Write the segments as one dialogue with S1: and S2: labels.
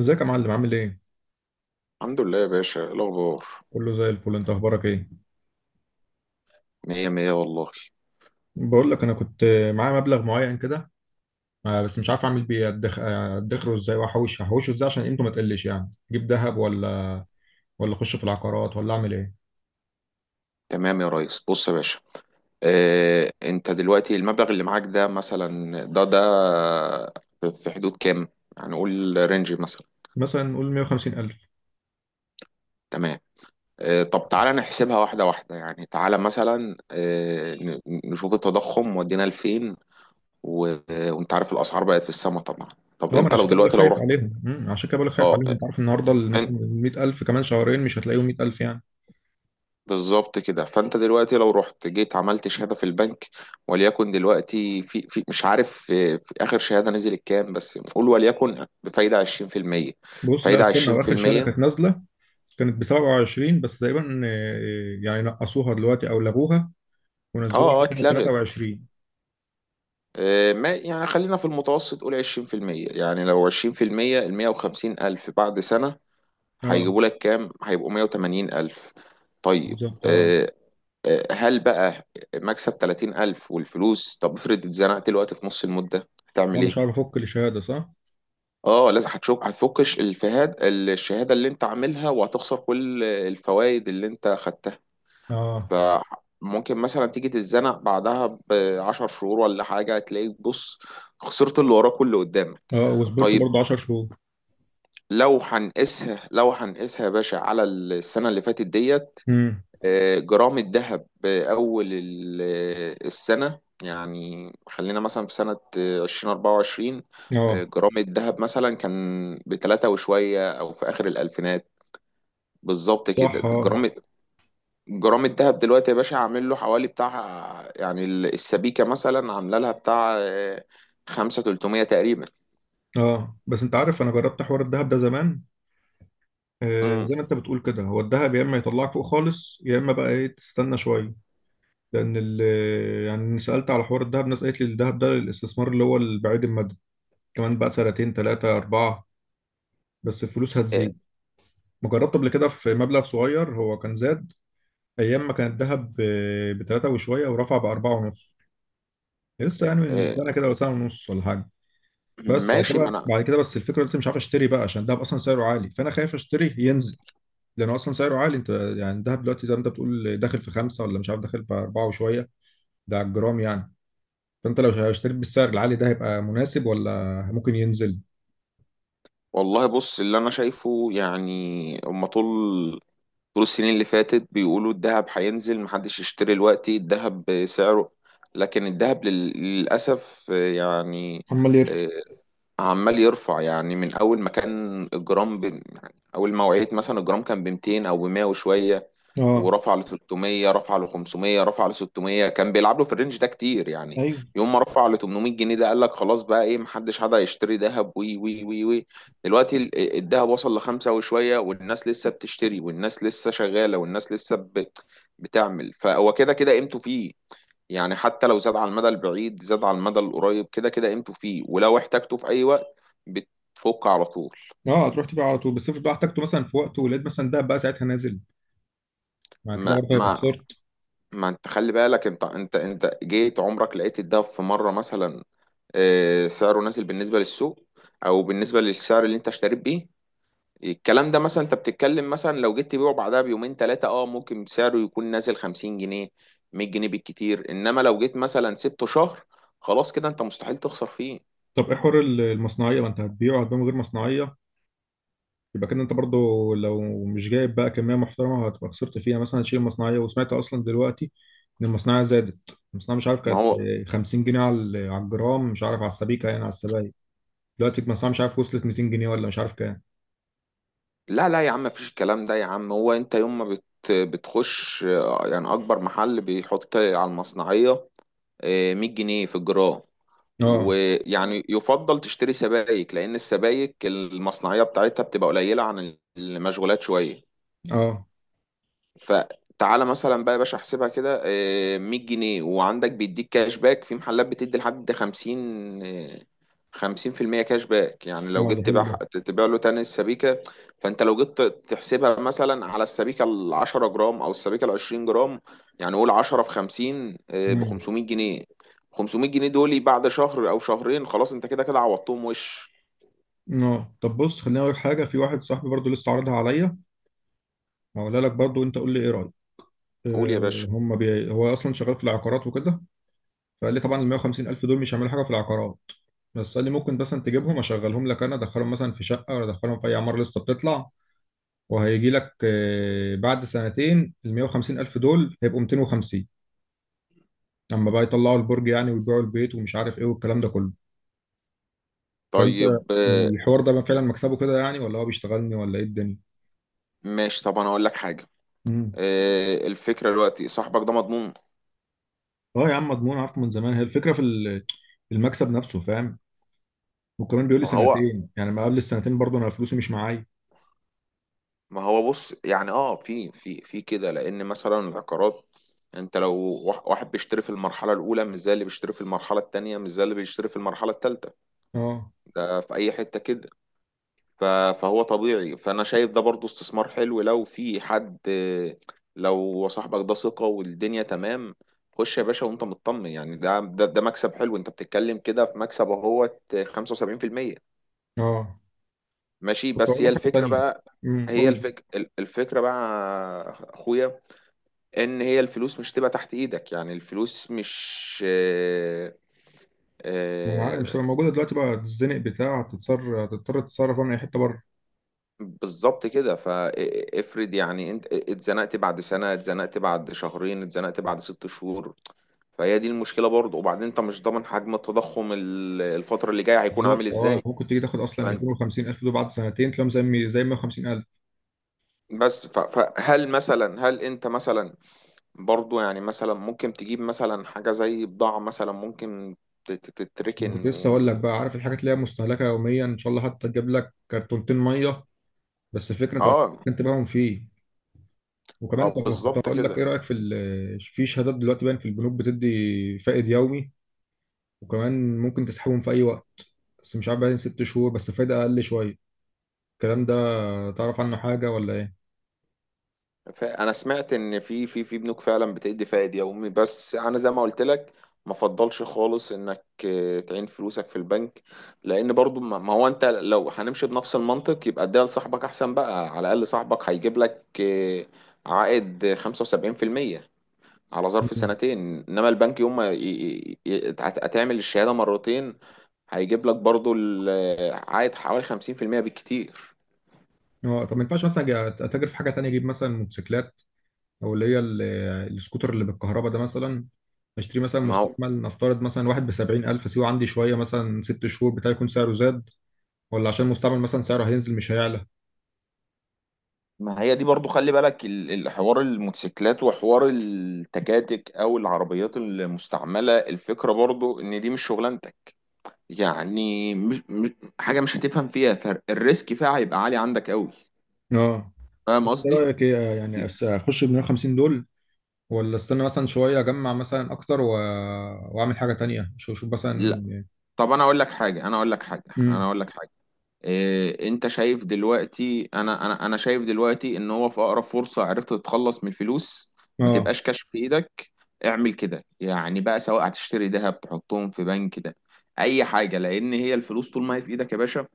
S1: ازيك يا معلم؟ عامل ايه؟
S2: الحمد لله يا باشا، إيه الأخبار؟
S1: كله زي الفل، انت اخبارك ايه؟
S2: مية مية والله.
S1: بقول لك انا كنت معايا مبلغ معين كده، بس مش عارف اعمل بيه. ادخره ازاي واحوش هحوشه ازاي عشان قيمته ما تقلش؟ يعني اجيب ذهب ولا اخش في العقارات ولا اعمل ايه؟
S2: تمام يا ريس، بص يا باشا. اه انت دلوقتي المبلغ اللي معاك ده مثلا ده في حدود كام؟ يعني قول رينج مثلا.
S1: مثلا نقول 150,000.
S2: تمام. اه طب تعالى نحسبها واحدة واحدة، يعني تعالى مثلا، نشوف التضخم ودينا لفين. وانت عارف الأسعار بقت في السما طبعا.
S1: اه،
S2: طب
S1: ما انا
S2: انت
S1: عشان
S2: لو
S1: كده بقول لك
S2: دلوقتي لو
S1: خايف
S2: رحت.
S1: عليهم. عشان كده بقول لك خايف
S2: اه
S1: عليهم. انت عارف النهارده مثلا ال 100,000 كمان شهرين مش هتلاقيهم 100,000 يعني.
S2: بالظبط كده، فانت دلوقتي لو رحت جيت عملت شهاده في البنك. وليكن دلوقتي في مش عارف في اخر شهاده نزلت كام، بس نقول وليكن بفايده 20%.
S1: بص، لا
S2: فايده
S1: استنى. واخر شهاده كانت
S2: 20%.
S1: نازله كانت ب 27 بس تقريبا. يعني نقصوها دلوقتي او لغوها
S2: اه
S1: ونزلوها
S2: اه
S1: كده
S2: اتلغت.
S1: 23.
S2: ما يعني خلينا في المتوسط قول 20%. يعني لو 20%، ال 150 ألف بعد سنة
S1: اه،
S2: هيجيبوا لك كام؟ هيبقوا 180 ألف. طيب.
S1: بالظبط. اه،
S2: آه، هل بقى مكسب 30 ألف والفلوس؟ طب افرض اتزنقت الوقت في نص المدة هتعمل
S1: انا
S2: إيه؟
S1: مش عارف افك الشهاده صح.
S2: اه لازم هتشوف هتفك الفهاد الشهاده اللي انت عاملها، وهتخسر كل الفوائد اللي انت خدتها.
S1: اه.
S2: فممكن مثلا تيجي تتزنق بعدها ب 10 شهور ولا حاجه، هتلاقيك بص، خسرت اللي وراك واللي قدامك.
S1: اه، وصبرت
S2: طيب.
S1: برضه 10 شهور.
S2: لو هنقيسها يا باشا على السنه اللي فاتت ديت.
S1: امم.
S2: جرام الذهب بأول السنة، يعني خلينا مثلا في سنة 2024.
S1: اه،
S2: جرام الذهب مثلا كان بتلاتة وشوية، أو في آخر الألفينات بالظبط
S1: صح.
S2: كده،
S1: اه.
S2: جرام. جرام الذهب دلوقتي يا باشا عامل له حوالي بتاع، يعني السبيكة مثلا عاملة لها بتاع خمسة تلتمية تقريبا.
S1: اه، بس انت عارف انا جربت حوار الذهب ده زمان. آه،
S2: مم.
S1: زي ما انت بتقول كده، هو الذهب يا اما يطلعك فوق خالص، يا اما بقى ايه، تستنى شويه. لان يعني سالت على حوار الذهب، ناس قالت لي الذهب ده الاستثمار اللي هو البعيد المدى. كمان بقى سنتين، ثلاثه، اربعه، بس الفلوس
S2: آه،
S1: هتزيد. ما جربت قبل كده في مبلغ صغير، هو كان زاد ايام ما كان الذهب ب 3 وشويه، ورفع ب 4.5. لسه يعني من
S2: آه،
S1: سنه كده ولا سنه ونص ولا حاجه. بس بعد كده
S2: ماشي ما أنا.
S1: بعد كده، بس الفكره دلوقتي مش عارف اشتري بقى، عشان الدهب اصلا سعره عالي، فانا خايف اشتري ينزل. لانه اصلا سعره عالي. انت يعني الدهب دلوقتي زي ما انت بتقول داخل في خمسه، ولا مش عارف داخل في اربعه وشويه. ده على الجرام يعني. فانت لو اشتريت بالسعر العالي ده، هيبقى مناسب ولا ممكن ينزل؟
S2: والله بص، اللي أنا شايفه يعني، هما طول السنين اللي فاتت بيقولوا الذهب هينزل، محدش يشتري دلوقتي الذهب سعره. لكن الذهب للأسف يعني
S1: عمال يرفع.
S2: آه، عمال يرفع. يعني من أول ما كان الجرام ب... يعني أول ما وعيت مثلا الجرام كان ب 200، أو ب 100 وشوية.
S1: اه.
S2: ورفع ل 300، رفع ل 500، رفع ل 600، كان بيلعب له في الرينج ده كتير يعني.
S1: ايوه.
S2: يوم ما رفع ل 800 جنيه، ده قال لك خلاص بقى ايه، محدش هيشتري ذهب، وي وي وي وي. دلوقتي الذهب وصل لخمسة وشوية، والناس لسه بتشتري، والناس لسه شغالة، والناس لسه بتعمل. فهو كده كده قيمته فيه. يعني حتى لو زاد على المدى البعيد، زاد على المدى القريب، كده كده قيمته فيه. ولو احتاجته في اي وقت بتفك على طول.
S1: اه، هتروح تبيع على طول. بس افرض بقى احتجته مثلا في وقته ولقيت مثلا ده بقى ساعتها نازل، مع كده
S2: ما
S1: برضه هيبقى
S2: ما
S1: خسرت.
S2: ما انت خلي بالك. انت جيت عمرك لقيت الدهب في مره مثلا سعره نازل بالنسبه للسوق، او بالنسبه للسعر اللي انت اشتريت بيه؟ الكلام ده مثلا انت بتتكلم، مثلا لو جيت تبيعه بعدها بيومين ثلاثه اه ممكن سعره يكون نازل 50 جنيه، 100 جنيه بالكتير. انما لو جيت مثلا سبته شهر خلاص كده، انت مستحيل تخسر فيه.
S1: طب ايه حوار المصنعيه؟ ما انت هتبيعه، هتبيعه من غير مصنعيه. يبقى كده انت برضو لو مش جايب بقى كميه محترمه، هتبقى خسرت فيها مثلا، هتشيل المصنعيه. وسمعت اصلا دلوقتي ان المصنعيه زادت. المصنعيه مش عارف
S2: ما
S1: كانت
S2: هو،
S1: 50 جنيه على على الجرام، مش عارف على السبيكه يعني، على السبايك. دلوقتي المصنعيه مش عارف وصلت 200 جنيه ولا مش عارف كام.
S2: لا لا يا عم، مفيش الكلام ده يا عم. هو انت يوم ما بتخش يعني، اكبر محل بيحط على المصنعيه 100 جنيه في الجرام.
S1: اه.
S2: ويعني يفضل تشتري سبائك، لأن السبائك المصنعية بتاعتها بتبقى قليلة عن المشغولات شوية.
S1: اه.
S2: فتعالى مثلا بقى يا باشا احسبها كده، 100 جنيه، وعندك بيديك كاش باك في محلات بتدي لحد 50، 50% كاش باك. يعني لو
S1: اه، ده
S2: جيت
S1: حلو
S2: تبيع،
S1: ده.
S2: تبيع له تاني السبيكة. فانت لو جيت تحسبها مثلا على السبيكة ال 10 جرام او السبيكة ال 20 جرام، يعني قول 10 في 50 ب
S1: مم.
S2: 500 جنيه. 500 جنيه دول بعد شهر او شهرين خلاص، انت كده كده عوضتهم وش.
S1: اه، طب بص خليني اقول لك حاجه. في واحد صاحبي برضو لسه عارضها عليا، هقولها لك برضو وانت قول لي ايه رايك.
S2: قول يا باشا.
S1: هو اصلا شغال في العقارات وكده. فقال لي طبعا ال 150 الف دول مش هيعملوا حاجه في العقارات، بس قال لي ممكن مثلا تجيبهم اشغلهم لك، انا ادخلهم مثلا في شقه ولا ادخلهم في اي عماره لسه بتطلع، وهيجي لك بعد سنتين ال 150 الف دول هيبقوا 250، اما بقى يطلعوا البرج يعني ويبيعوا البيت ومش عارف ايه والكلام ده كله. فانت
S2: طيب
S1: الحوار ده فعلا مكسبه كده يعني، ولا هو بيشتغلني ولا ايه الدنيا؟
S2: ماشي، طب انا اقول لك حاجة.
S1: امم.
S2: الفكرة دلوقتي، صاحبك ده مضمون؟
S1: اه يا عم، مضمون، عارفه من زمان. هي الفكره في المكسب نفسه، فاهم؟ وكمان بيقول لي
S2: ما هو
S1: سنتين، يعني ما قبل السنتين برضه انا فلوسي مش معايا.
S2: ما هو بص، يعني اه في كده، لان مثلا العقارات، انت لو واحد بيشتري في المرحلة الأولى مش زي اللي بيشتري في المرحلة التانية، مش زي اللي بيشتري في المرحلة التالتة.
S1: اه.
S2: ده في أي حتة كده. ف- فهو طبيعي. فأنا شايف ده برضو استثمار حلو، لو في حد لو صاحبك ده ثقة والدنيا تمام. خش يا باشا وانت مطمن، يعني ده مكسب حلو، انت بتتكلم كده في مكسب اهوت 75%.
S1: اه،
S2: ماشي،
S1: كنت
S2: بس
S1: اقول
S2: هي
S1: لك حاجه
S2: الفكرة
S1: تانية.
S2: بقى.
S1: امم، قول لي.
S2: الفكرة بقى يا أخويا، إن هي الفلوس مش تبقى تحت إيدك. يعني الفلوس مش
S1: ما انا عارف مش
S2: آه،
S1: هتبقى موجوده دلوقتي، بقى تتزنق بتاع، هتتصر، هتضطر تتصرف من اي حته بره.
S2: بالظبط كده. فافرض يعني أنت اتزنقت بعد سنة، اتزنقت بعد شهرين، اتزنقت بعد 6 شهور. فهي دي المشكلة برضه، وبعدين أنت مش ضامن حجم التضخم الفترة اللي جاية هيكون عامل
S1: بالظبط. اه،
S2: إزاي.
S1: ممكن تيجي تاخد اصلا
S2: فأنت
S1: 250 الف دول بعد سنتين تلاقيهم زي 150 الف.
S2: بس فهل مثلا، هل أنت مثلا برضو، يعني مثلا ممكن تجيب مثلا حاجة زي بضاعة مثلا، ممكن
S1: انا كنت
S2: تتركن
S1: لسه اقول لك
S2: و...
S1: بقى، عارف الحاجات اللي هي مستهلكه يوميا، ان شاء الله حتى تجيب لك كرتونتين ميه. بس الفكره طبعا
S2: اه
S1: ممكن تبيعهم فيه.
S2: اه
S1: وكمان، طب كنت
S2: بالظبط
S1: هقول لك
S2: كده.
S1: ايه رايك في في شهادات دلوقتي باين في البنوك بتدي فائد يومي، وكمان ممكن تسحبهم في اي وقت. بس مش عارف، باين ست شهور بس فايده اقل شويه. الكلام ده تعرف عنه حاجه ولا ايه؟
S2: انا سمعت ان في بنوك فعلا بتدي فائد يومي. بس انا زي ما قلت لك ما فضلش خالص انك تعين فلوسك في البنك. لان برضو، ما ما هو انت لو هنمشي بنفس المنطق يبقى اديها لصاحبك احسن بقى، على الاقل صاحبك هيجيب لك عائد 75% على ظرف
S1: مم.
S2: سنتين. انما البنك يوم ما هتعمل الشهاده مرتين هيجيب لك برضو عائد حوالي 50% بالكتير.
S1: اه، طب ما ينفعش مثلا أجي اتاجر في حاجه تانية؟ اجيب مثلا موتوسيكلات، او اللي هي السكوتر اللي بالكهرباء ده مثلا. اشتري مثلا
S2: ما هو،
S1: مستعمل، نفترض مثلا واحد ب 70,000، سيبه عندي شويه مثلا ست شهور، بتاعي يكون سعره زاد؟ ولا عشان مستعمل مثلا سعره هينزل مش هيعلى؟
S2: ما هي دي برضو. خلي بالك الحوار الموتوسيكلات، وحوار التكاتك او العربيات المستعمله، الفكره برضو ان دي مش شغلانتك. يعني مش حاجه مش هتفهم فيها، فالريسك فيها هيبقى عالي عندك قوي.
S1: اه.
S2: فاهم
S1: ايه
S2: قصدي؟
S1: رايك؟ ايه يعني، اخش ب 150 دول، ولا استنى مثلا شويه اجمع مثلا اكتر واعمل حاجه تانية؟ شوف، شوف
S2: لا.
S1: مثلا.
S2: طب انا
S1: امم.
S2: اقول لك حاجه. انت شايف دلوقتي، انا شايف دلوقتي ان هو في اقرب فرصة عرفت تتخلص من الفلوس، ما
S1: اه.
S2: تبقاش كاش في ايدك. اعمل كده يعني بقى، سواء هتشتري ذهب، تحطهم في بنك، ده اي حاجة. لان هي الفلوس طول ما هي في ايدك يا باشا،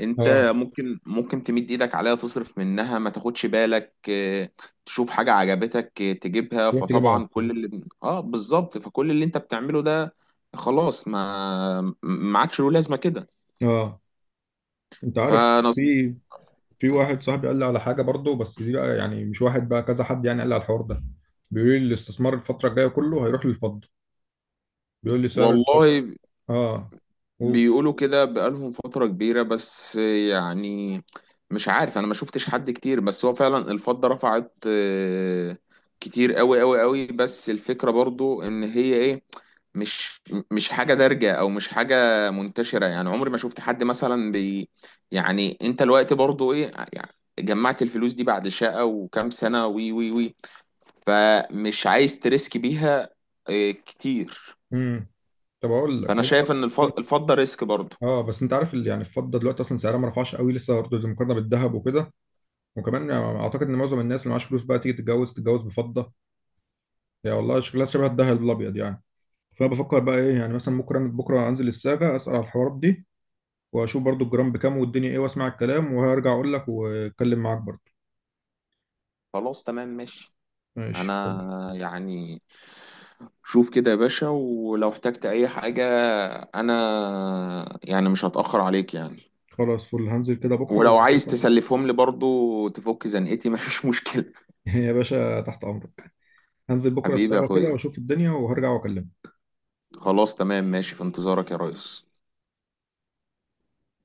S2: انت
S1: اه،
S2: ممكن تمد ايدك عليها تصرف منها، ما تاخدش بالك. تشوف حاجة عجبتك تجيبها.
S1: رحت جايبها على
S2: فطبعا
S1: طول.
S2: كل اللي اه بالظبط، فكل اللي انت بتعمله ده خلاص ما ما عادش له لازمة كده.
S1: اه، انت عارف،
S2: فانا
S1: في واحد صاحبي قال لي على حاجه برضه، بس دي بقى يعني مش واحد، بقى كذا حد يعني قال لي على الحوار ده. بيقول لي الاستثمار الفتره الجايه كله هيروح للفضه. بيقول لي سعر الفضه.
S2: والله،
S1: اه و...
S2: بيقولوا كده بقالهم فترة كبيرة، بس يعني مش عارف، انا ما شفتش حد كتير، بس هو فعلا الفضة رفعت كتير قوي قوي قوي. بس الفكرة برضو ان هي ايه، مش مش حاجة دارجة او مش حاجة منتشرة. يعني عمري ما شفت حد مثلا بي، يعني انت الوقت برضو ايه يعني، جمعت الفلوس دي بعد شقة وكام سنة وي وي وي، فمش عايز تريسك بيها كتير.
S1: امم. طب اقول لك،
S2: فانا شايف ان الفضة ريسك برضو.
S1: اه بس انت عارف اللي يعني، الفضه دلوقتي اصلا سعرها ما رفعش قوي لسه برضه، زي مقارنه بالذهب وكده. وكمان يعني اعتقد ان معظم الناس اللي معاش فلوس بقى تيجي تتجوز بفضه. يا والله شكلها شبه الذهب الابيض يعني. فانا بفكر بقى ايه يعني، مثلا بكره، بكره انزل الساجه اسال على الحوارات دي، واشوف برضو الجرام بكام والدنيا ايه، واسمع الكلام وهرجع اقول لك واتكلم معاك برضو.
S2: خلاص تمام ماشي،
S1: ماشي،
S2: انا
S1: فل.
S2: يعني شوف كده يا باشا، ولو احتجت اي حاجة انا يعني مش هتأخر عليك يعني.
S1: خلاص فل، هنزل كده بكرة
S2: ولو عايز
S1: وهرجع.
S2: تسلفهم لي برضو تفك زنقتي مفيش مشكلة.
S1: يا باشا تحت أمرك. هنزل بكرة
S2: حبيبي يا
S1: الساعة كده
S2: اخويا،
S1: وأشوف الدنيا وهرجع وأكلمك.
S2: خلاص تمام ماشي، في انتظارك يا ريس.